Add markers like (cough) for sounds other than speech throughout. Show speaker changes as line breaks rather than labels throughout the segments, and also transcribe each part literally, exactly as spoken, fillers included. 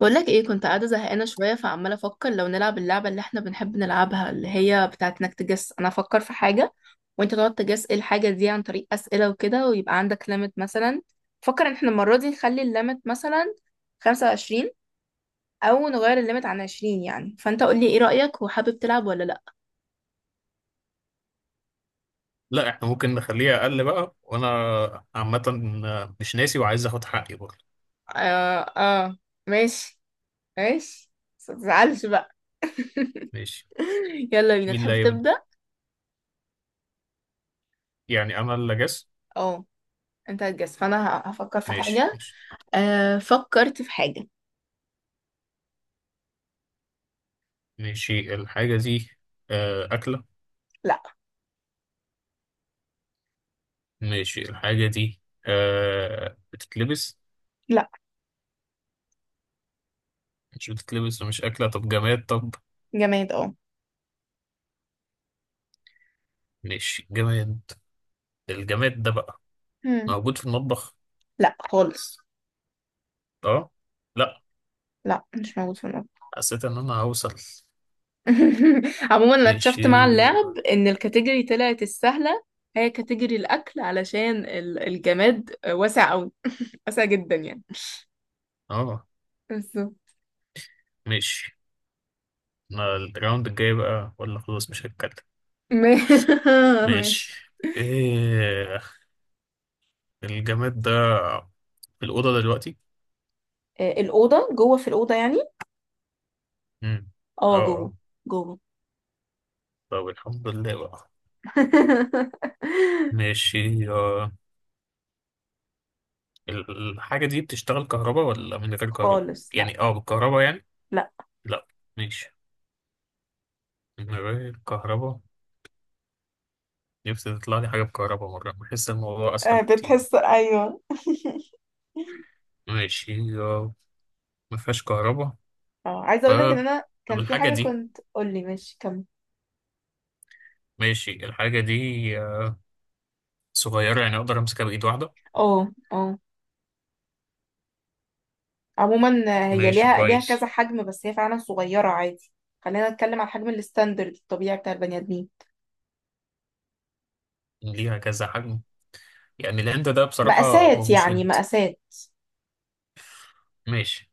بقول لك ايه؟ كنت قاعده زهقانه شويه، فعماله افكر لو نلعب اللعبه اللي احنا بنحب نلعبها، اللي هي بتاعه انك تجس. انا افكر في حاجه وانت تقعد تجس ايه الحاجه دي عن طريق اسئله وكده، ويبقى عندك ليميت مثلا. فكر ان احنا المره دي نخلي الليميت مثلا خمسة وعشرين، او نغير الليميت عن عشرين يعني. فانت قول لي ايه رايك، وحابب تلعب ولا لا؟
لا، احنا ممكن نخليها اقل بقى وانا عامه مش ناسي وعايز اخد حقي برضه.
اه اه، ماشي ماشي، بس متزعلش بقى.
ماشي،
(laughs) يلا بينا،
مين اللي
تحب
هيبدا؟
تبدا؟
يعني انا اللي جس؟
اه، انت هتجس فانا ه- هفكر في
ماشي،
حاجه.
ماشي.
آه فكرت في حاجه.
ماشي الحاجه دي آه، اكله؟ ماشي الحاجه دي آه، بتتلبس؟
لا.
مش بتتلبس ومش اكله، طب جماد؟ طب.
جماد اه.
ماشي، جماد. الجماد ده بقى
مم.
موجود في المطبخ؟
لا خالص.
اه، لا،
لا، مش موجود في المطبخ.
حسيت ان انا هوصل.
(laughs) عموما انا اكتشفت
ماشي،
مع اللعب ان الكاتيجوري طلعت السهله، هي كاتيجوري الاكل، علشان ال- الجماد واسع قوي. (laughs) واسع جدا يعني.
اه،
بالظبط.
ماشي. أنا الراوند الجاي بقى ولا خلاص مش هتكلم؟
ما- (laughs) ماشي.
ماشي. ايه؟ الجماد ده في الأوضة دلوقتي؟
آه، الأوضة، جوه في الأوضة يعني.
امم
اه،
اه،
جوه.
آه.
جوه.
طب الحمد لله بقى.
(laughs)
ماشي، آه. الحاجة دي بتشتغل كهرباء ولا من غير كهرباء؟
خالص لا.
يعني اه بالكهرباء يعني؟
لا.
لا، ماشي، من غير كهرباء. نفسي تطلع لي حاجة بكهرباء مرة، بحس الموضوع
آه،
أسهل كتير.
بتحس، ايوه.
ماشي، آه. ما فيهاش كهرباء.
اه عايزه
ف
اقول لك ان انا
طب
كان في
الحاجة
حاجه
دي،
كنت قول لي ماشي كمل.
ماشي الحاجة دي آه، صغيرة يعني أقدر أمسكها بإيد واحدة؟
اه اه. عموما آه، هي
ماشي،
ليها ليها كذا
كويس.
حجم، بس هي فعلا صغيرة عادي. خلينا نتكلم على الحجم الستاندرد الطبيعي بتاع البني آدمين.
ليها كذا حجم؟ يعني الهند ده بصراحة هو
مقاسات
مش
يعني
هند.
مقاسات.
ماشي.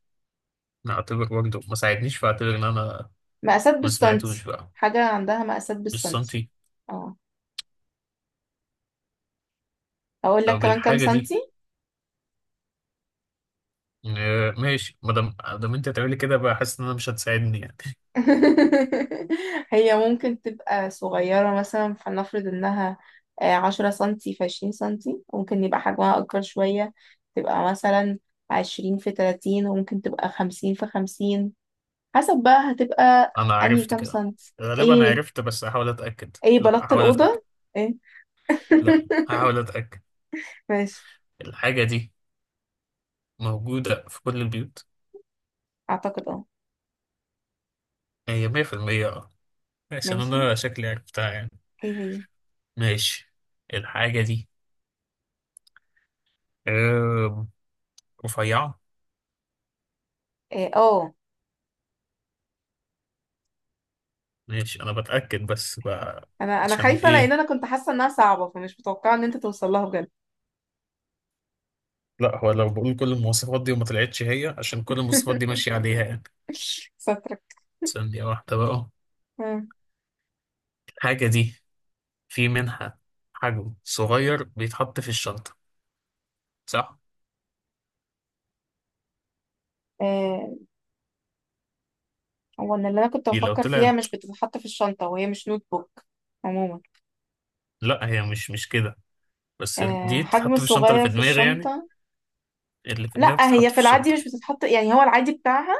نعتبر برضه ما ساعدنيش، فاعتبر إن أنا
مقاسات
ما سمعتوش
بالسنتي.
بقى.
حاجة عندها مقاسات
مش
بالسنتي.
سنتي.
اه، أقول لك
طب
كمان كام
الحاجة دي
سنتي؟
آه، ماشي، ما دام ما دام أنت تعملي كده بقى حاسس إن أنا مش هتساعدني يعني. (laughs)
(laughs) هي ممكن تبقى صغيرة مثلا، فلنفرض إنها آه، عشرة سنتي في عشرين سنتي. ممكن يبقى حجمها أكبر شوية، تبقى مثلا عشرين في تلاتين. وممكن تبقى خمسين في خمسين، حسب. بقى هتبقى
أنا
انهي
عرفت
كام
كده،
سنت؟
غالبا أنا
ايه؟
عرفت، بس هحاول أتأكد.
ايه؟
لا
بلطت
هحاول أتأكد،
الأوضة؟ ايه؟
لا
(laughs)
هحاول أتأكد.
ماشي.
الحاجة دي موجودة في كل البيوت،
اعتقد اه.
هي مية بالمية. أه، عشان
ماشي.
أنا شكلي عرفتها يعني.
ايه هي؟
ماشي، الحاجة دي آه، رفيعة.
ايه؟ اه.
ماشي، انا بتأكد بس بقى.
انا انا
عشان
خايفة، لان
ايه؟
انا كنت حاسة انها صعبة فمش متوقعة ان انت توصل لها بجد.
لا، هو لو بقول كل المواصفات دي وما طلعتش هي، عشان كل المواصفات دي ماشية عليها
(laughs)
يعني.
سترك.
ثانية واحدة بقى.
آه.
الحاجة دي في منها حجم صغير بيتحط في الشنطة، صح؟
آه، هو ان اللي انا كنت
دي لو
بفكر فيها
طلعت.
مش بتتحط في الشنطة، وهي مش نوت بوك. عموما
لا، هي مش مش كده، بس ال-
آه،
دي
حجم
تتحط في الشنطة اللي
صغير
في
في
دماغي يعني.
الشنطة.
اللي في دماغي
لا، هي
بتتحط في
في العادي
الشنطة.
مش بتتحط يعني، هو العادي بتاعها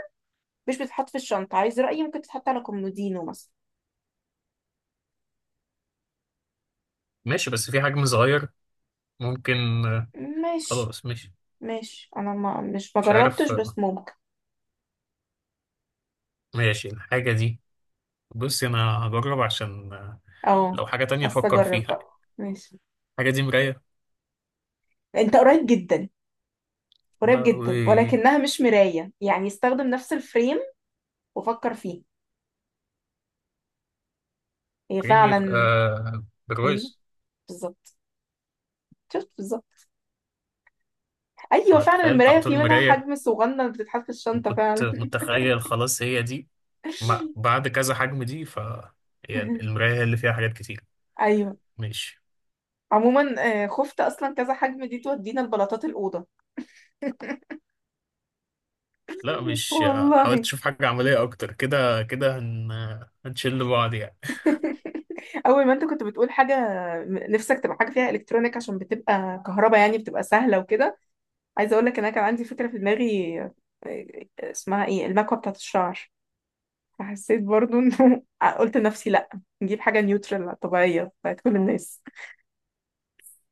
مش بتتحط في الشنطة. عايز رأيي؟ ممكن تتحط على كومودينو مثلا.
ماشي، بس في حجم صغير ممكن. آه،
ماشي.
خلاص، ماشي.
ماشي، انا ما مش ما
مش عارف.
جربتش،
آه،
بس ممكن.
ماشي الحاجة دي، بصي أنا هجرب عشان آه،
اه
لو حاجة تانية
حاسه
أفكر
اجرب
فيها.
بقى، ماشي.
الحاجة دي مراية؟
انت قريب جدا. قريب جدا،
لهوي!
ولكنها مش مرايه يعني. استخدم نفس الفريم وفكر فيه. هي
كريم يبقى،
فعلا. ايوه.
بالرز؟
بالظبط. شفت؟ بالظبط. ايوه
انا
فعلا،
تخيلت على
المرايه في
طول
منها
مراية،
حجم صغنن بتتحط في الشنطه
وكنت
فعلا.
متخيل خلاص هي دي. ما
(laughs)
بعد كذا حجم دي. ف هي المراية هي اللي فيها حاجات كتير.
ايوه.
ماشي.
عموما آه، خفت اصلا كذا حجم دي تودينا لبلاطات الاوضه.
لا،
(laughs)
مش. حاولت
والله.
اشوف حاجة عملية اكتر كده كده، هن... هنشل بعض يعني.
(laughs) اول ما انت كنت بتقول حاجه نفسك تبقى حاجه فيها الكترونيك، عشان بتبقى كهرباء يعني بتبقى سهله وكده. عايزه اقول لك ان انا كان عندي فكره في دماغي، إيه- اسمها ايه، المكوه بتاعت الشعر. فحسيت برضو انه (laughs) قلت لنفسي لا، نجيب حاجه نيوترال طبيعيه بتاعت كل الناس.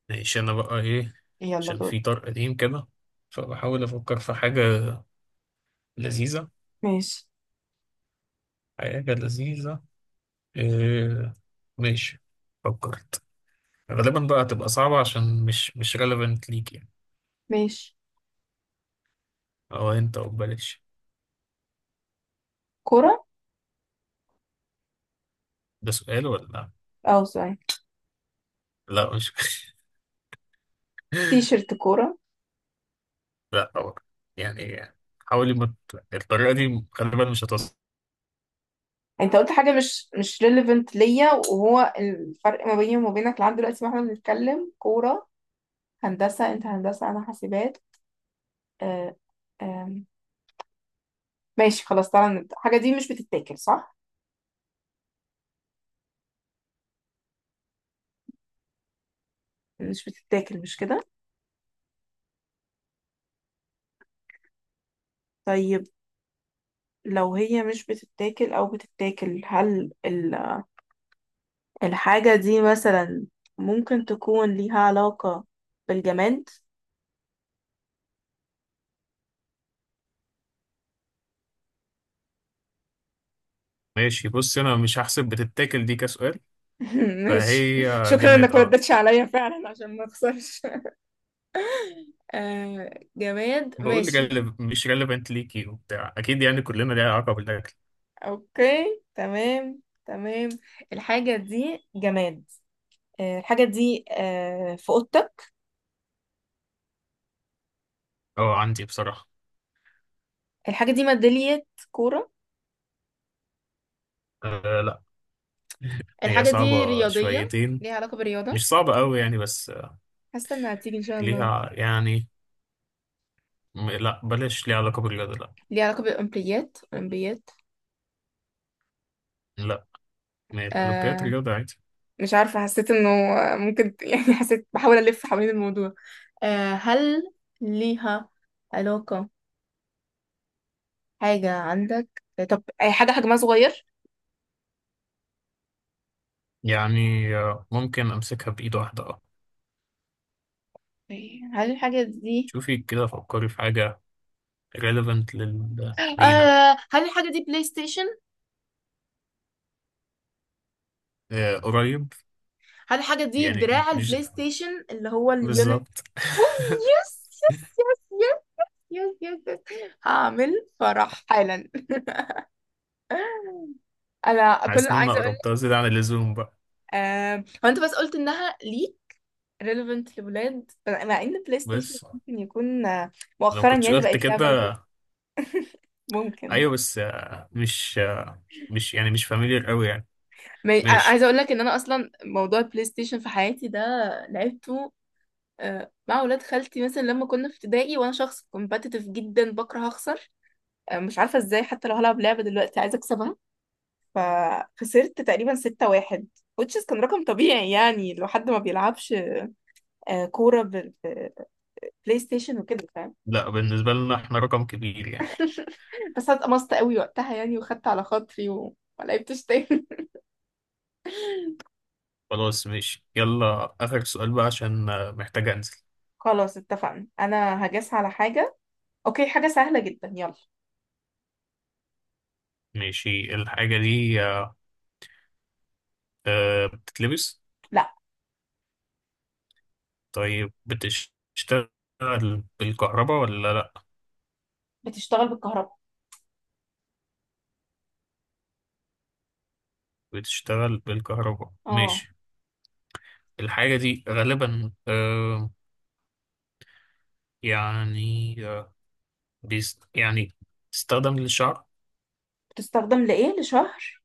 ماشي، انا بقى ايه؟
يلا
عشان
دول.
في طرق قديم كده، فبحاول افكر في حاجة لذيذة،
ماشي.
حاجة لذيذة. إيه... ماشي، فكرت. غالبا بقى هتبقى صعبة عشان مش مش relevant ليك يعني،
ماشي.
او انت، او ببلاش.
كوره.
ده سؤال ولا؟
اه، سوري.
لا، مش. (laughs)
تي شيرت كوره.
لا طبعا. يعني حاولي، ما ت- الطريقة دي غالبا مش هتوصل.
انت قلت حاجه مش مش ريليفنت ليا، وهو الفرق ما بيني وما بينك لحد دلوقتي ما احنا بنتكلم، كوره. هندسه؟ انت هندسه، انا حاسبات. آه. آه. ماشي خلاص، تعالى نبدأ. الحاجة دي مش بتتاكل، صح؟ مش بتتاكل، مش كده؟ طيب. لو هي مش بتتاكل أو بتتاكل، هل ال- الحاجة دي مثلا ممكن تكون ليها علاقة بالجماد؟
ماشي، بص انا مش هحسب بتتاكل دي كسؤال،
(laughs) ماشي.
فهي
شكرا
جماد،
انك ما
اه.
ردتش عليا فعلا عشان ما اخسرش. (laughs) آه، جماد،
بقول
ماشي.
جلب مش relevant ليكي وبتاع، اكيد يعني كلنا ليها علاقة بالاكل.
اوكي، تمام. تمام. الحاجة دي جماد. آه الحاجة دي آه في اوضتك.
اه، عندي بصراحة.
الحاجة دي ميدالية. كورة.
آه، لا، هي
الحاجة دي
صعبة
رياضية.
شويتين.
ليها علاقة بالرياضة.
مش صعبة قوي يعني، بس آه،
حاسة انها هتيجي ان شاء الله.
ليها يعني. م- لا بلاش. ليها علاقة بالرياضة؟ لا.
ليها علاقة بالأولمبيات؟ أولمبيات.
لا، ما هي الأولمبياد
آه.
رياضة عادي.
مش عارفة، حسيت انه ممكن. (laughs) يعني حسيت بحاول ألف حوالين الموضوع. آه هل ليها علاقة، حاجة عندك؟ طب أي حاجة حجمها صغير.
يعني آه، ممكن أمسكها بإيد واحدة، أه.
هل الحاجة دي
شوفي كده، فكري في حاجة relevant لل... لينا.
آه هل الحاجة دي بلاي ستيشن؟
آه، قريب
هل الحاجة دي
يعني،
دراع
مش
البلاي ستيشن اللي هو اليونت؟
بالظبط. (laughs)
أوف. يس يس يس يس. يس يس يس. هعمل فرح حالا. انا كل
حاسس
اللي
إن أنا
عايزه اقول لك،
قربتها زيادة عن اللزوم بقى.
آه... هو انت بس قلت انها ليه relevant لولاد، مع ان بلاي ستيشن
بس
ممكن يكون آه،
لو
مؤخرا
كنتش
يعني
قلت
بقت لعبه لكل-
كده.
ممكن.
أيوه، بس آه، مش آه، مش يعني، مش فاميليار أوي يعني.
ما- آه،
ماشي،
عايزه اقول لك ان انا اصلا موضوع البلاي ستيشن في حياتي ده لعبته آه، مع ولاد خالتي مثلا لما كنا في ابتدائي، وانا شخص كومبتيتيف جدا بكره اخسر. آه، مش عارفه ازاي، حتى لو هلعب لعبه دلوقتي عايزه اكسبها. فخسرت تقريبا ستة واحد، which is كان رقم طبيعي يعني لو حد ما بيلعبش آه، كورة بلاي ستيشن وكده، فاهم؟
لا، بالنسبة لنا إحنا رقم كبير يعني.
(laughs) بس اتقمصت قوي وقتها يعني، وخدت على خاطري و ما لعبتش تاني.
خلاص، ماشي، يلا آخر سؤال بقى عشان آه، محتاج أنزل.
(laughs) خلاص اتفقنا، انا هجاس على حاجة. اوكي، حاجة سهلة جدا، يلا.
ماشي الحاجة دي آه، آه، بتتلبس؟
لا.
طيب بتشتغل بالكهرباء ولا لأ؟
بتشتغل بالكهرباء.
بتشتغل بالكهرباء،
اه.
ماشي. الحاجة دي غالبا آه يعني آه بيست يعني، تستخدم للشعر.
بتستخدم لايه، لشهر؟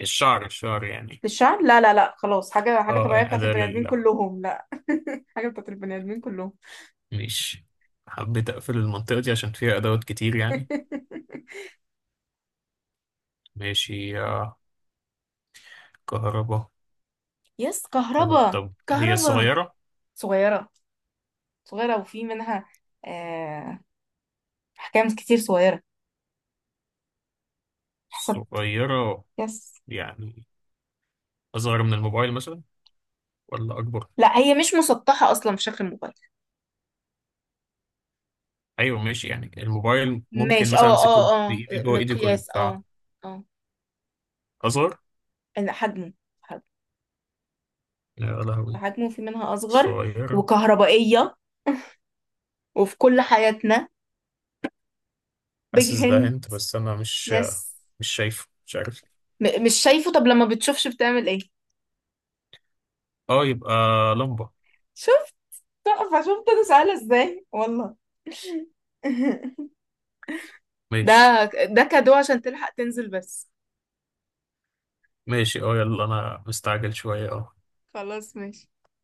الشعر، الشعر يعني.
للشعر؟ لا لا لا، خلاص. حاجة حاجة
اه،
طبيعية
يعني
بتاعت
أداة
البني ادمين
لل
كلهم. لا. (laughs) حاجة بتاعت البني ادمين كلهم. (laughs)
ماشي. حبيت أقفل المنطقة دي عشان فيها أدوات كتير يعني. ماشي، آه كهرباء.
يس،
كهرباء،
كهرباء.
طب هي
كهرباء.
صغيرة؟
صغيرة. صغيرة، وفي منها آه... أحكام كتير صغيرة. حسب.
صغيرة.
يس.
يعني أصغر من الموبايل مثلا ولا أكبر؟
لا، هي مش مسطحة أصلا في شكل الموبايل.
ايوه، ماشي، يعني الموبايل ممكن
ماشي،
مثلا
اه
امسكه
اه اه،
بايدي، جوه ايدي كل،
مقياس، اه. اه.
فهزر.
أنا حجمه. حجمه.
يا لهوي،
حجمه في منها أصغر.
صغيرة.
وكهربائية. وفي كل حياتنا. بيج
حاسس ده
هند.
انت بس، انا مش
يس.
مش شايفه، مش عارف ليه.
م مش شايفه؟ طب لما بتشوفش بتعمل ايه؟
اه، يبقى لمبة.
شفت. تحفة. شفت أنا سهلة ازاي والله. (laughs)
ماشي،
ده ده كادو عشان تلحق تنزل بس.
ماشي، اه، يلا انا مستعجل شوية، اه.
خلاص، ماشي.